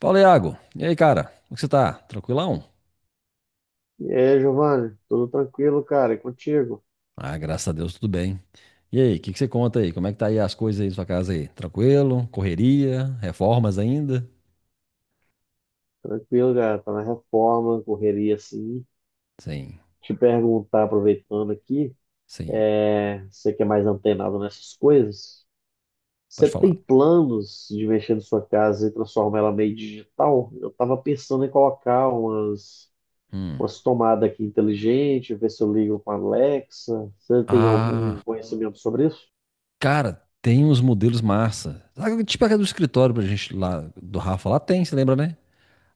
Fala, Iago. E aí, cara? Como que você tá? Tranquilão? E aí, Giovanni, tudo tranquilo, cara? E contigo? Ah, graças a Deus, tudo bem. E aí, o que que você conta aí? Como é que tá aí as coisas aí na sua casa aí? Tranquilo? Correria? Reformas ainda? Tranquilo, cara. Tá na reforma, correria assim. Sim, Te perguntar, aproveitando aqui, sim. Você que é mais antenado nessas coisas, você Pode tem falar. planos de mexer na sua casa e transformar ela meio digital? Eu tava pensando em colocar umas, Hum. umas tomadas aqui inteligentes, ver se eu ligo com a Alexa. Você tem algum Ah, conhecimento sobre isso? cara, tem uns modelos massa. Sabe, tipo aquela do escritório pra gente lá, do Rafa, lá tem, você lembra, né?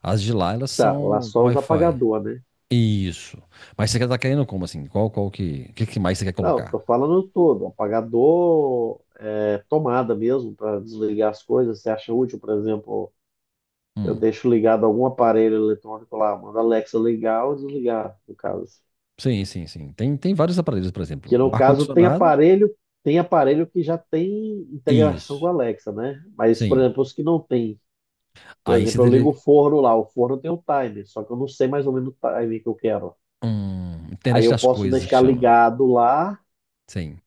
As de lá, elas Tá, lá são com só os Wi-Fi. apagador, né? Isso. Mas você quer tá querendo como assim? Qual, qual que mais você quer Não, colocar? tô falando todo, um apagador, tomada mesmo para desligar as coisas. Você acha útil, por exemplo, eu Hum. deixo ligado algum aparelho eletrônico lá, mando a Alexa ligar ou desligar, no caso. Sim, sim, sim. Tem vários aparelhos, por exemplo, Que o no caso ar-condicionado, tem aparelho que já tem integração com isso, a Alexa, né? Mas, por sim. exemplo, os que não tem, por Aí você exemplo, eu ligo o teria, forno lá, o forno tem o timer, só que eu não sei mais ou menos o timer que eu quero. Aí internet eu das posso coisas que deixar chama, ligado lá sim.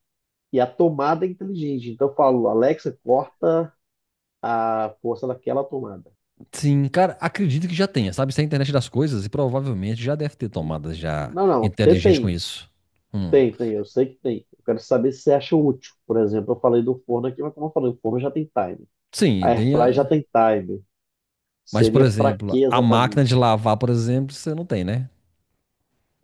e a tomada é inteligente. Então eu falo, Alexa, corta a força daquela tomada. Sim, cara, acredito que já tenha, sabe? Se é a internet das coisas, e provavelmente já deve ter tomadas já Não, não, inteligentes com tentei. isso. Hum. Eu sei que tem. Eu quero saber se você acha útil. Por exemplo, eu falei do forno aqui, mas como eu falei, o forno já tem time. A Sim, tem, airfryer já tem time. mas por Seria para exemplo, que a máquina exatamente? de lavar, por exemplo, você não tem, né?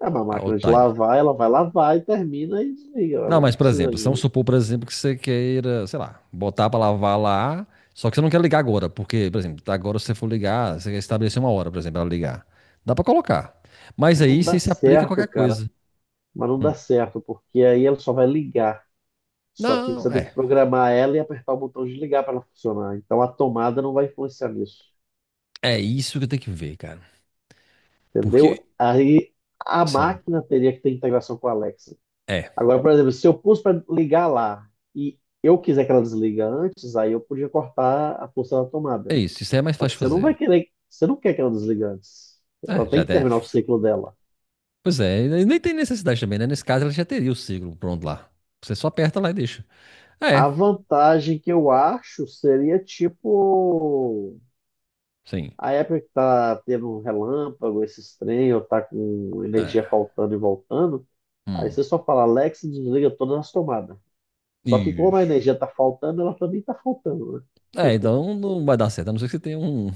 É uma A máquina old de time. lavar, ela vai lavar e termina e desliga. Ela Não, não mas por precisa exemplo, se vamos de. supor, por exemplo, que você queira, sei lá, botar para lavar lá, só que você não quer ligar agora, porque, por exemplo, tá agora se você for ligar, você quer estabelecer uma hora, por exemplo, para ligar. Dá para colocar. Mas aí Não dá você se aplica a certo, qualquer cara. coisa. Mas não dá certo, porque aí ela só vai ligar. Só que Não, você tem que é. programar ela e apertar o botão de ligar para ela funcionar. Então a tomada não vai influenciar nisso. É isso que eu tenho que ver, cara. Entendeu? Porque, Aí a assim, máquina teria que ter integração com a Alexa. é. Agora, por exemplo, se eu pus para ligar lá e eu quiser que ela desliga antes, aí eu podia cortar a função da tomada. É isso. Isso aí é mais Só fácil que de você não vai fazer. querer, você não quer que ela desligue antes. Ela É, já tem que até. terminar o ciclo dela. Pois é, e nem tem necessidade também, né? Nesse caso, ela já teria o ciclo pronto lá. Você só aperta lá e deixa. É, A vantagem que eu acho seria tipo sim. a época que tá tendo um relâmpago, esses trem, ou tá com energia É. faltando e voltando, aí Hum. você só fala Alexa desliga todas as tomadas. Só que como a Isso. energia está faltando, ela também está faltando. Né? É, então não vai dar certo, a não ser que você tenha um,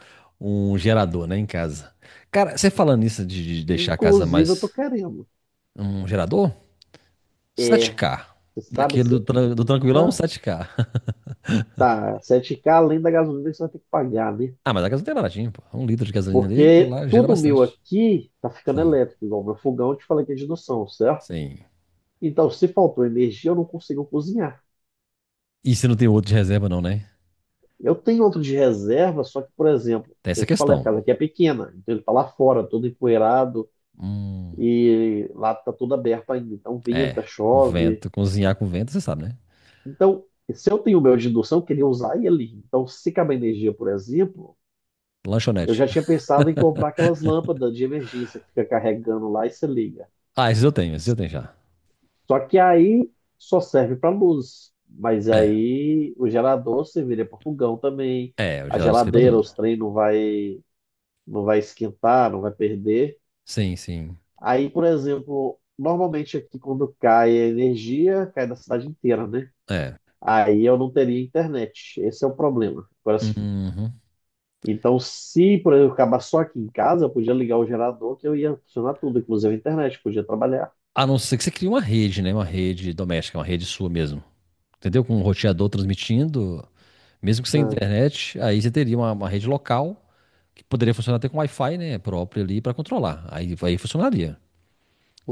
um gerador, né, em casa. Cara, você falando nisso de deixar a casa Inclusive, eu tô mais querendo. um gerador? É, 7K. você sabe Daquele do, se. Do tranquilão, Eita, 7K. tá, 7K além da gasolina que você vai ter que pagar, né? Ah, mas a casa não tem baratinho, pô. Um litro de gasolina ali, aquilo Porque lá gera tudo meu bastante. aqui tá ficando Sim, elétrico, igual meu fogão, eu te falei que é de indução, certo? sim. Então, se faltou energia, eu não consigo cozinhar. E se não tem outro de reserva, não, né? Eu tenho outro de reserva, só que, por exemplo, Tem essa eu te falei, a questão. casa aqui é pequena, então ele tá lá fora, todo empoeirado, Hum, e lá tá tudo aberto ainda. Então, venta, é. Com chove. vento, cozinhar com vento, você sabe, né? Então, se eu tenho o meu de indução, eu queria usar ele. Então, se acabar a energia, por exemplo, eu Lanchonete. já tinha pensado em comprar aquelas lâmpadas de emergência que fica carregando lá e se liga. Ah, esses eu tenho já. Só que aí só serve para luz. Mas É, aí o gerador serviria para fogão também. é, o A gerador serve pra geladeira, tudo. os trem não vai esquentar, não vai perder. Sim, sim. Aí, por exemplo, normalmente aqui quando cai a energia, cai da cidade inteira, né? É. Aí eu não teria internet. Esse é o problema. Agora, se Uhum. Então, se, por exemplo, acabar só aqui em casa, eu podia ligar o gerador que eu ia funcionar tudo, inclusive a internet, podia trabalhar. A não ser que você crie uma rede, né? Uma rede doméstica, uma rede sua mesmo. Entendeu? Com um roteador transmitindo, mesmo que sem Ah, internet, aí você teria uma rede local que poderia funcionar até com Wi-Fi, né? Próprio ali para controlar. Aí funcionaria.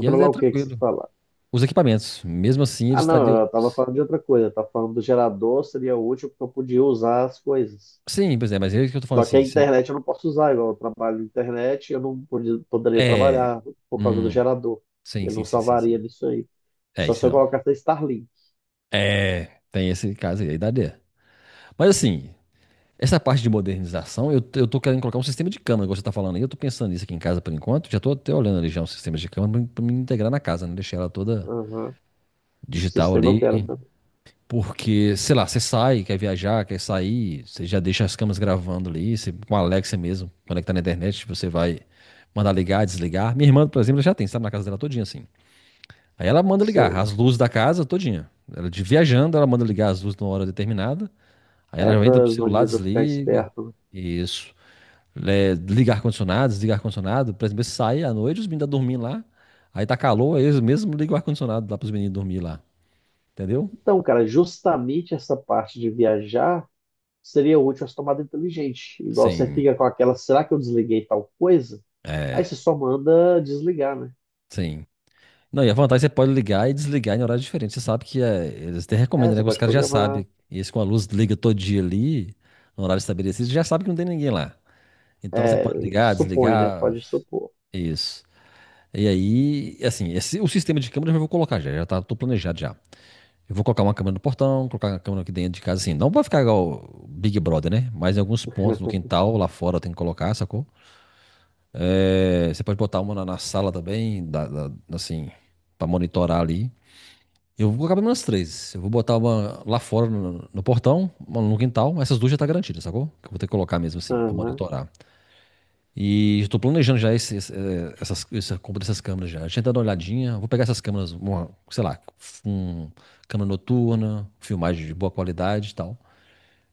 E aí é o que que você tranquilo. fala? Os equipamentos, mesmo assim, eles Ah, não, estariam. eu tava falando de outra coisa, eu tava falando do gerador, seria útil porque eu podia usar as coisas. Sim, pois é, mas é isso que eu tô falando Só que a assim. Você. internet eu não posso usar, igual eu trabalho na internet, eu não poderia É. trabalhar por causa do Hum, gerador. sim, Eu sim, não sim, sim, salvaria sim. nisso aí. É, Só isso se eu não. colocasse Starlink. É, tem esse caso aí, aí daria. Mas assim, essa parte de modernização, eu tô querendo colocar um sistema de câmera, igual você tá falando aí. Eu tô pensando nisso aqui em casa por enquanto. Já tô até olhando ali já um sistema de câmera pra me integrar na casa, né? Deixar ela toda Aham. O digital sistema ali. eu quero também. Porque, sei lá, você sai, quer viajar, quer sair, você já deixa as câmeras gravando ali, você, com a Alexa mesmo, conectar na internet, você vai mandar ligar, desligar. Minha irmã, por exemplo, ela já tem, sabe, na casa dela todinha assim. Aí ela manda Isso ligar aí. as luzes da casa todinha. Ela de viajando, ela manda ligar as luzes numa hora determinada. Aí ela É já entra para pro os celular, bandidos ficar desliga. espertos. Isso é, ligar ar-condicionado, desligar ar-condicionado. Por exemplo, eles saem à noite, os meninos estão dormindo lá. Aí tá calor, aí eles mesmo ligam o ar-condicionado lá para os meninos dormir lá. Entendeu? Então, cara, justamente essa parte de viajar seria útil as tomadas inteligentes. Igual você Sim, fica com aquela, será que eu desliguei tal coisa? Aí você é, só manda desligar, né? sim. Não, e a vantagem é que você pode ligar e desligar em horários diferentes. Você sabe que é, eles até É, recomendam, né? você Que os pode caras já programar. sabem. E eles com a luz liga todo dia ali, no horário estabelecido, já sabe que não tem ninguém lá. Então você É, pode ligar, supõe, né? desligar, Pode supor. isso. E aí, assim, esse, o sistema de câmera eu já vou colocar já, já tá, tô planejado já. Eu vou colocar uma câmera no portão, colocar uma câmera aqui dentro de casa, assim. Não vai ficar igual o Big Brother, né? Mas em alguns pontos, no quintal, lá fora, tem que colocar, sacou? É, você pode botar uma na, na sala também, assim, pra monitorar ali. Eu vou colocar pelo menos três. Eu vou botar uma lá fora no, no portão, uma no quintal. Essas duas já tá garantidas, sacou? Que eu vou ter que colocar mesmo assim, pra Aham. monitorar. E estou planejando já essa compra dessas câmeras já. Deixa eu dar uma olhadinha. Vou pegar essas câmeras, uma, sei lá, um, câmera noturna, filmagem de boa qualidade e tal.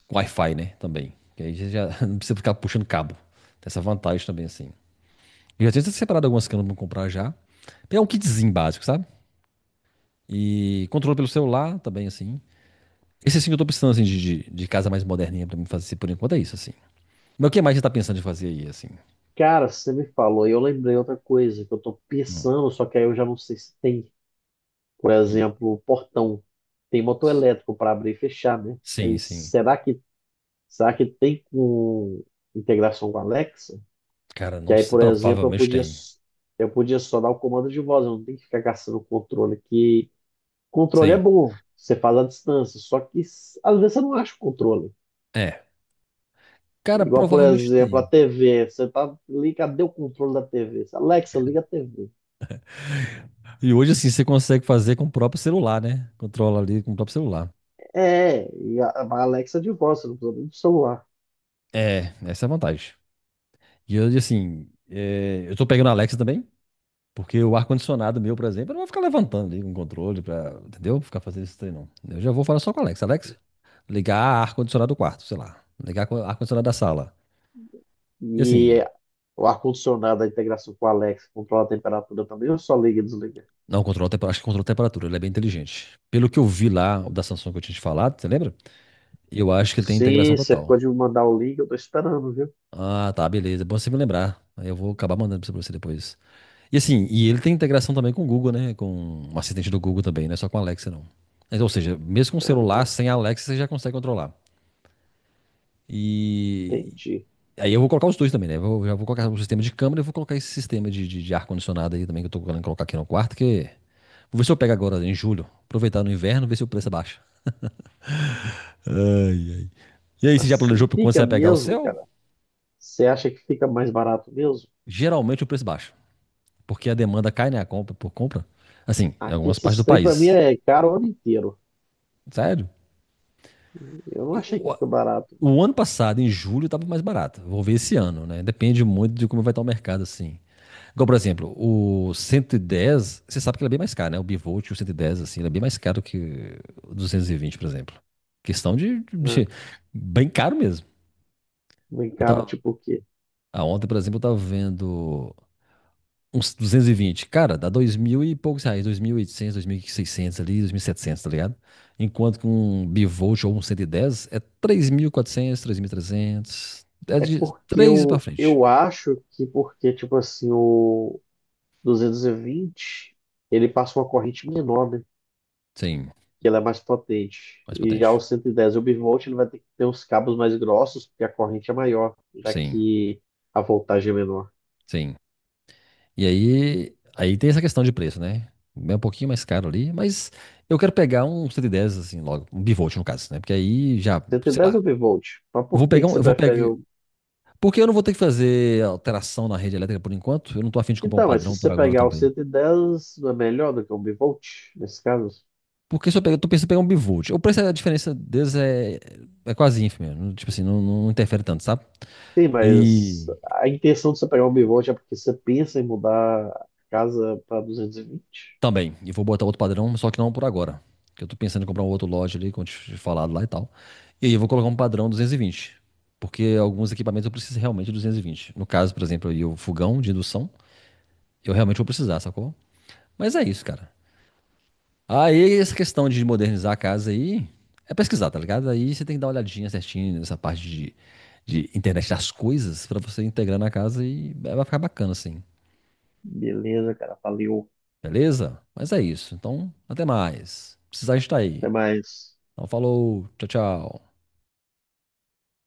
Com Wi-Fi, né? Também. Que aí você já não precisa ficar puxando cabo. Tem essa vantagem também, assim. Eu já tinha separado algumas câmeras pra comprar já. Pegar um kitzinho básico, sabe? E controle pelo celular também, assim. Esse assim que eu tô precisando, assim, de casa mais moderninha pra mim fazer por enquanto é isso, assim. Mas o que mais você tá pensando em fazer aí, assim? Cara, você me falou, e eu lembrei outra coisa que eu tô Hum. pensando, só que aí eu já não sei se tem. Por exemplo, portão. Tem motor elétrico para abrir e fechar, né? Sim, Mas sim. será que tem com integração com a Alexa? Cara, Que não aí, sei. por exemplo, eu Provavelmente podia, tem. eu podia só dar o comando de voz, eu não tenho que ficar caçando o controle, que controle é Sim. bom, você faz à distância, só que às vezes você não acha o controle. É. Cara, Igual, por provavelmente exemplo, a tem. TV, você tá ali, cadê o controle da TV? Alexa, liga a TV. E hoje, assim, você consegue fazer com o próprio celular, né? Controla ali com o próprio celular. É, e a Alexa é de voz, você não precisa nem do celular. É, essa é a vantagem. E eu, assim, é, eu tô pegando a Alexa também, porque o ar-condicionado meu, por exemplo, eu não vou ficar levantando ali com o controle pra, entendeu? Ficar fazendo esse trem, não. Eu já vou falar só com a Alexa. Alexa, ligar ar-condicionado do quarto, sei lá. Ligar ar-condicionado da sala. E assim, E o ar-condicionado, a integração com a Alexa, controla a temperatura também, ou só liga e desliga? não, controla, acho que controla a temperatura, ele é bem inteligente. Pelo que eu vi lá, o da Samsung que eu tinha te falado, você lembra? Eu acho que ele tem integração Sim, você ficou total. de me mandar o link, eu tô esperando, viu? Ah, tá, beleza. É bom você me lembrar. Aí eu vou acabar mandando pra você depois. E assim, e ele tem integração também com o Google, né? Com o assistente do Google também, não é só com a Alexa, não. Mas, ou seja, mesmo com o celular, Aham, sem a Alexa, você já consegue controlar. E entendi. aí eu vou colocar os dois também, né? Já vou colocar o sistema de câmera e vou colocar esse sistema de ar-condicionado aí também, que eu tô querendo colocar aqui no quarto, que... Vou ver se eu pego agora em julho. Aproveitar no inverno, ver se o preço é baixo. Ai, ai. E aí, você Mas já se planejou pra quando fica você vai pegar o mesmo, seu? cara. Você acha que fica mais barato mesmo? Geralmente o preço baixa. Porque a demanda cai, né? A compra por compra. Assim, em Aqui algumas partes esses do trem pra mim país. é caro o ano inteiro. Sério. Eu não achei que O, fica barato, o ano passado, em julho, estava mais barato. Vou ver esse ano, né? Depende muito de como vai estar o mercado, assim. Igual, por exemplo, o 110 você sabe que ele é bem mais caro, né? O bivolt, o 110 assim, ele é bem mais caro que o 220 por exemplo. Questão né? Bem caro mesmo. Bem Eu caro, tava, tipo o quê? ah, ontem, por exemplo, eu estava vendo uns 220. Cara, dá dois mil e poucos reais. 2.800, seiscentos ali, 2.700, tá ligado? Enquanto que um bivolt ou um 110 é 3.400, trezentos. É É de porque 3 pra eu, frente. eu acho que porque, tipo assim, o 220 ele passa uma corrente menor, né? Sim, Que ela é mais potente. mais E já o potente. 110 obvolt ele vai ter que ter uns cabos mais grossos, porque a corrente é maior, já Sim, que a voltagem é menor. sim. E aí, aí tem essa questão de preço, né? É um pouquinho mais caro ali, mas eu quero pegar um 110 assim logo, um bivolt no caso, né? Porque aí já, sei 110 lá. obvolt. Mas Eu por vou que pegar que um, você eu vou prefere pegar, o. porque eu não vou ter que fazer alteração na rede elétrica por enquanto. Eu não tô afim de comprar um Então, mas se padrão você por agora pegar o também. 110, não é melhor do que o bivolt, nesse caso? Porque se eu pegar, eu tô pensando em pegar um bivolt. O preço, a diferença deles é, é quase ínfima. Tipo assim, não, não interfere tanto, sabe? Sim, mas E a intenção de você pegar o bivolt é porque você pensa em mudar a casa para 220. também, e vou botar outro padrão, só que não por agora. Que eu tô pensando em comprar um outro lote ali, como eu tinha te falado lá e tal. E aí eu vou colocar um padrão 220. Porque alguns equipamentos eu preciso realmente de 220. No caso, por exemplo, aí o fogão de indução, eu realmente vou precisar, sacou? Mas é isso, cara. Aí, essa questão de modernizar a casa aí, é pesquisar, tá ligado? Aí você tem que dar uma olhadinha certinho nessa parte de internet das coisas pra você integrar na casa e é, vai ficar bacana assim, Beleza, cara, valeu. beleza? Mas é isso. Então, até mais. Precisar estar aí. Até mais. Então, falou, tchau, tchau.